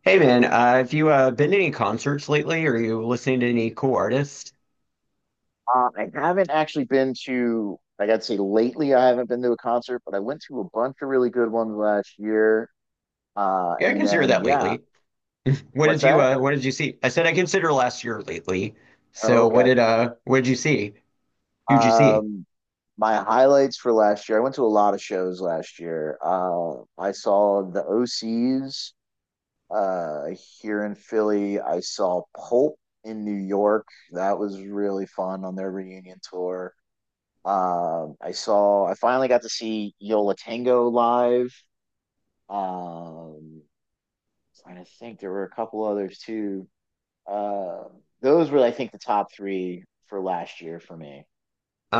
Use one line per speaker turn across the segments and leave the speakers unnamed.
Hey man, have you been to any concerts lately? Are you listening to any cool artists?
I haven't actually been to, like I'd say lately, I haven't been to a concert, but I went to a bunch of really good ones last year.
Yeah, I
And
consider
then,
that
yeah.
lately.
What's that?
What did you see? I said I consider last year lately.
Oh,
So
okay.
what did you see? Who'd you see?
Um, my highlights for last year, I went to a lot of shows last year. I saw the OCs uh, here in Philly. I saw Pulp in New York. That was really fun on their reunion tour. I finally got to see Yola Tango live. Um, Trying to think, there were a couple others too. Uh, those were, I think, the top three for last year for me.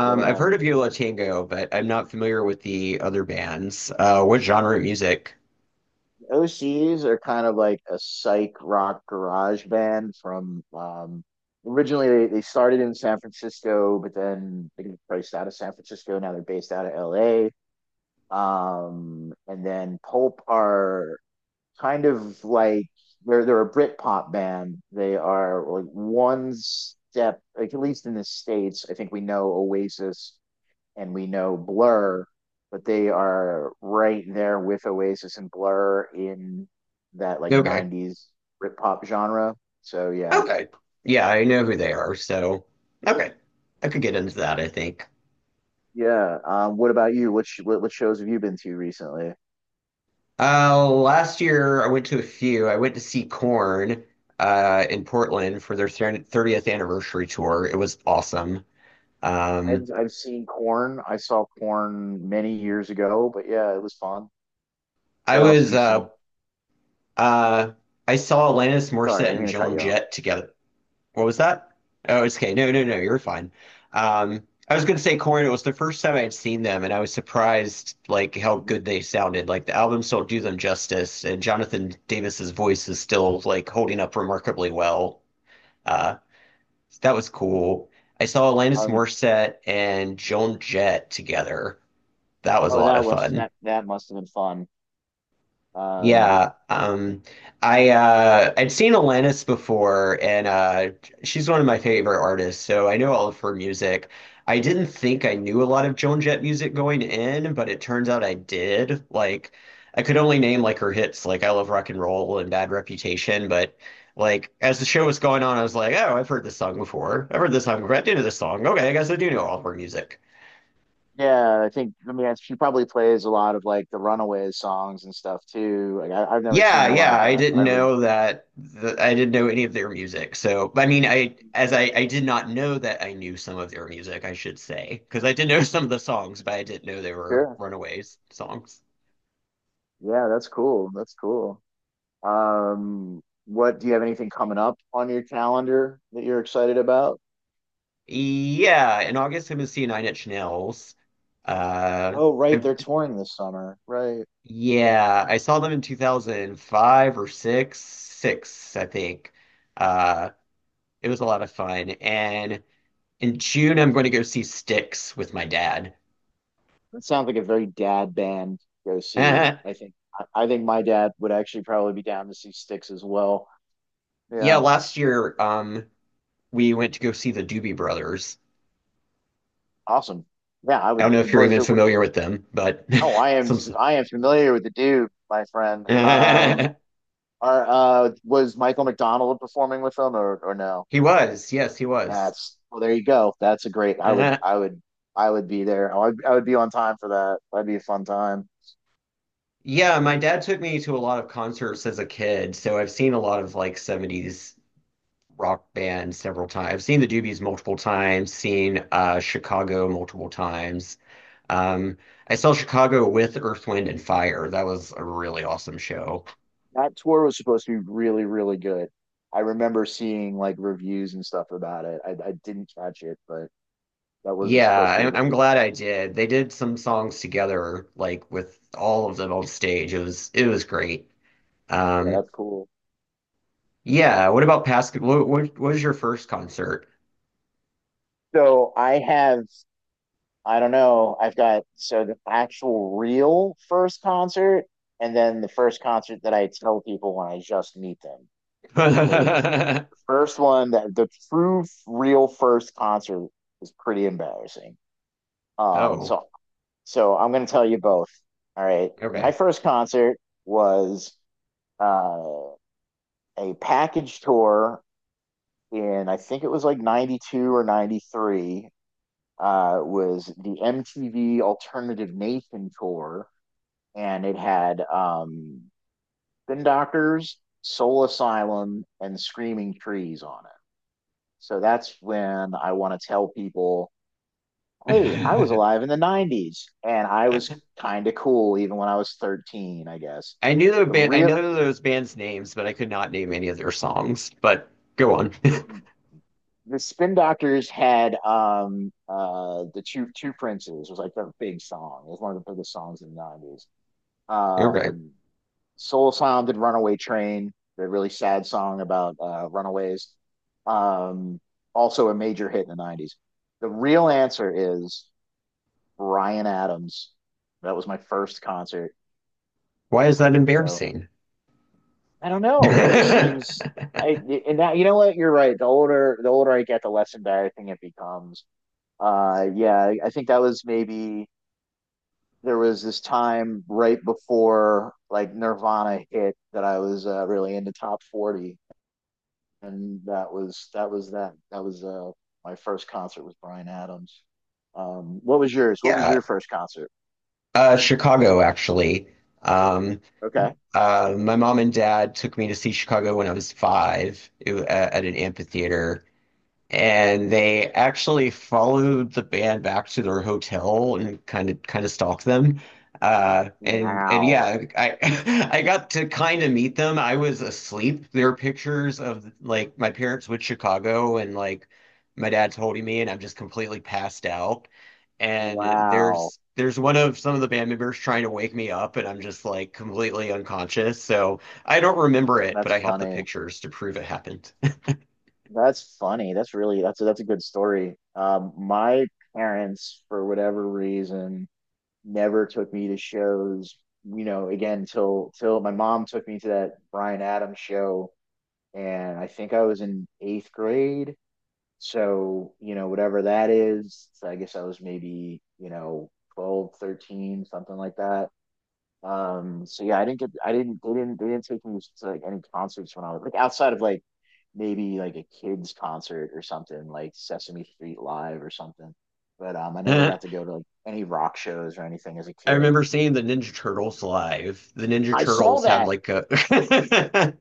What
I've heard of Yola Tango, but I'm not familiar with the other bands. What genre of music?
OCs are kind of like a psych rock garage band from originally they started in San Francisco, but then they got priced out of San Francisco. Now they're based out of LA. And then Pulp are kind of like they're a Britpop band. They are like one step, like at least in the states. I think we know Oasis and we know Blur, but they are right there with Oasis and Blur in that like
Okay.
'90s Britpop genre. So yeah,
Okay. Yeah, I know who they
yeah,
are, so okay. I could get into that, I think.
yeah. What about you? What, sh- what shows have you been to recently?
Last year I went to a few. I went to see Corn in Portland for their 30th anniversary tour. It was awesome. Um,
I've seen Corn. I saw Corn many years ago, but yeah, it was fun.
I
What else have
was
you seen?
uh I saw Alanis
Sorry, I
Morissette
didn't
and
mean to cut
Joan
you off.
Jett together. What was that? Oh, it's okay. No, no, no, you're fine. I was gonna say Corn. It was the first time I had seen them, and I was surprised like how good they sounded. Like the albums don't do them justice, and Jonathan Davis's voice is still like holding up remarkably well. Uh, So that was cool. I saw Alanis
Um,
Morissette and Joan Jett together. That was a
oh,
lot of fun.
that must have been fun. Um,
Yeah, I I'd seen Alanis before, and she's one of my favorite artists, so I know all of her music. I didn't think I knew a lot of Joan Jett music going in, but it turns out I did. Like, I could only name like her hits, like "I Love Rock and Roll" and "Bad Reputation," but like as the show was going on, I was like, "Oh, I've heard this song before. I've heard this song before. I do know this song. Okay, I guess I do know all of her music."
yeah, I think I mean she probably plays a lot of like the Runaways songs and stuff too. Like I've never seen
Yeah,
her
yeah,
live, but
I didn't
I would.
know that I didn't know any of their music. So, I mean, I as I did not know that I knew some of their music, I should say, because I did know some of the songs, but I didn't know they were
Sure.
Runaways songs.
Yeah, that's cool. That's cool. What do you have anything coming up on your calendar that you're excited about?
Yeah, in August I'm gonna see Nine Inch Nails. Uh,
Oh, right,
I,
they're touring this summer. Right.
yeah, I saw them in 2005 or six, I think. Uh, it was a lot of fun. And in June I'm going to go see Styx with my dad.
That sounds like a very dad band to go see. I think my dad would actually probably be down to see Sticks as well.
Yeah,
Yeah.
last year we went to go see the Doobie Brothers.
Awesome. Yeah, I
I don't
would.
know if you're
Was
even
it?
familiar with them, but
Oh, I am.
some
I am familiar with the dude, my friend. Are Was Michael McDonald performing with them or no?
he was. Yes, he was.
That's Well, there you go. That's a great. I would.
Uh-huh.
I would. I would be there. I would. I would be on time for that. That'd be a fun time.
Yeah, my dad took me to a lot of concerts as a kid, so I've seen a lot of like 70s rock bands several times. I've seen the Doobies multiple times, seen Chicago multiple times. Um, I saw Chicago with Earth, Wind and Fire. That was a really awesome show.
That tour was supposed to be really, really good. I remember seeing like reviews and stuff about it. I didn't catch it, but that was
Yeah,
supposed to be a
I'm
really.
glad I did. They did some songs together, like with all of them on stage. It was great.
Yeah,
Um,
that's cool.
yeah. What about past? What was your first concert?
So I have I don't know. I've got so the actual real first concert, and then the first concert that I tell people when I just meet them. Because the first one, that the true real first concert was pretty embarrassing. Um,
Oh,
so so I'm gonna tell you both. All right. My
okay.
first concert was uh a package tour in I think it was like '92 or '93 was the MTV Alternative Nation tour, and it had Spin Doctors, Soul Asylum, and Screaming Trees on it. So that's when I want to tell people, hey, I was
I
alive in the '90s and I was kind of cool even when I was 13, I guess.
knew the
The
band. I
real
know those bands' names, but I could not name any of their songs. But go on.
the Spin Doctors had the two princes. It was like their big song. It was one of the biggest songs in the '90s.
Okay.
Um Soul Sound did Runaway Train, the really sad song about runaways. Um, Also a major hit in the '90s. The real answer is Brian Adams. That was my first concert.
Why is that
So
embarrassing?
I don't know. It just seems. I and that You know what? You're right. The older I get, the less embarrassing it becomes. Yeah, I think that was maybe there was this time right before like Nirvana hit that I was really into top 40. And that was my first concert with Brian Adams. What was yours? What was
Yeah,
your first concert?
Chicago actually. Um,
Okay.
Uh, my mom and dad took me to see Chicago when I was five at an amphitheater. And they actually followed the band back to their hotel and kind of stalked them. And
Wow.
yeah, I I got to kind of meet them. I was asleep. There are pictures of like my parents with Chicago and like my dad's holding me and I'm just completely passed out. And
Wow.
there's one of some of the band members trying to wake me up and I'm just like completely unconscious. So I don't remember it, but
That's
I have the
funny.
pictures to prove it happened.
That's funny. That's a good story. My parents, for whatever reason, never took me to shows. You know, again, till my mom took me to that Brian Adams show, and I think I was in eighth grade. So whatever that is. So I guess I was maybe, 12, 13, something like that. So yeah, I didn't get I didn't they didn't take me to like any concerts when I was, like, outside of like maybe like a kids concert or something like Sesame Street live or something. But I never got to go to like any rock shows or anything as a
I
kid.
remember seeing the Ninja Turtles live. The Ninja
I saw
Turtles had
that.
like a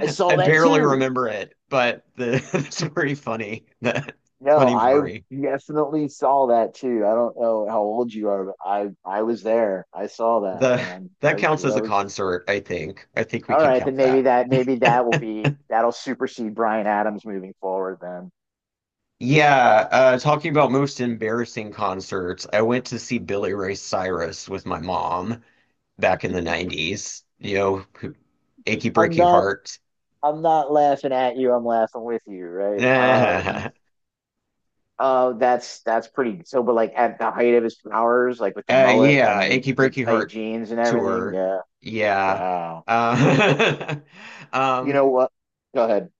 I saw that
barely
too.
remember it, but the it's pretty funny. That
No,
funny
I
memory.
definitely saw that too. I don't know how old you are, but I was there. I saw that,
The
man. I
That counts as
That
a
was
concert, I think. I think we
all
can
right. Then
count that.
maybe that will be that'll supersede Brian Adams moving forward. Then
Yeah, uh, talking about most embarrassing concerts, I went to see Billy Ray Cyrus with my mom back in the 90s. You know, who- Achy
I'm
Breaky
not
Heart.
I'm not laughing at you. I'm laughing with you, right? Oh, that's pretty. So, but like at the height of his powers, like with the mullet
Yeah,
and the
Achy
the
Breaky
tight
Heart
jeans and everything.
tour.
Yeah.
Yeah.
Wow.
Uh,
You
um,
know what? Go ahead.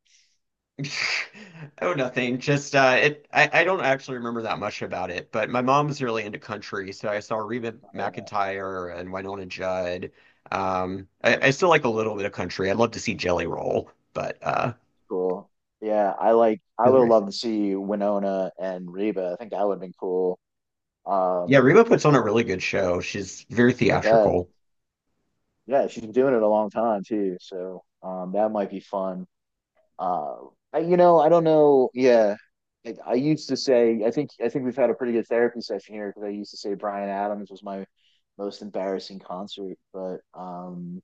oh, nothing. Just it. I don't actually remember that much about it, but my mom was really into country, so I saw Reba McEntire and Winona Judd. I still like a little bit of country. I'd love to see Jelly Roll, but
Cool. Yeah, I like. I
for the
would
reason.
love to see Winona and Reba. I think that would have been cool.
Yeah,
Um,
Reba puts on a really good show. She's very
I bet.
theatrical.
Yeah, she's been doing it a long time too, so that might be fun. Uh, I don't know. Yeah, like I used to say. I think we've had a pretty good therapy session here because I used to say Brian Adams was my most embarrassing concert, but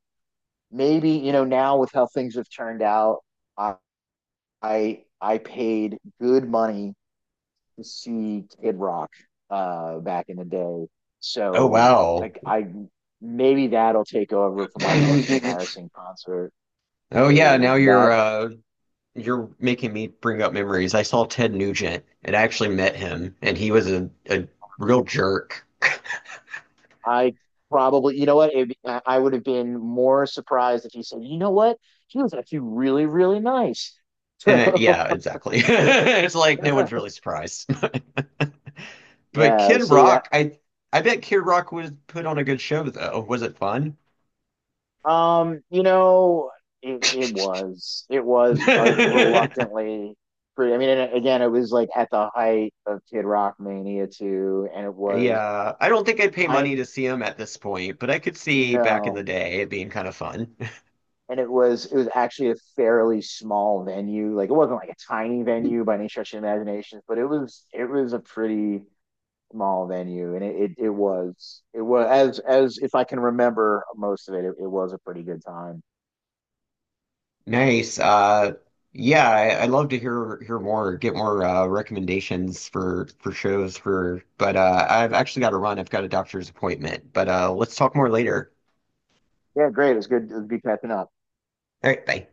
maybe, now with how things have turned out, I I paid good money to see Kid Rock back in the day.
Oh
So
wow.
like I maybe that'll take over for my most embarrassing concert.
Oh yeah, now
Because
you're
that,
uh, you're making me bring up memories. I saw Ted Nugent and I actually met him, and he was a real jerk.
I probably, you know what, it, I would have been more surprised if he said, you know what, he was actually really really nice.
And yeah,
So
exactly. It's like no one's really surprised. But
yeah,
Kid
see that.
Rock, I bet Kid Rock was put on a good show though. Was it fun?
You know, it was like reluctantly free. I mean, and again, it was like at the height of Kid Rock mania too, and it was
Yeah, I don't think I'd pay
kind
money to see him at this point, but I could see back in the
no,
day it being kind of fun.
and it was actually a fairly small venue. Like it wasn't like a tiny venue by any stretch of the imagination, but it was a pretty small venue, and it was as if I can remember most of it, it was a pretty good time.
Nice. Yeah, I'd love to hear more, get more recommendations for shows for. But I've actually got to run. I've got a doctor's appointment. But let's talk more later.
Yeah, great. It was good. It was good catching up.
All right, bye.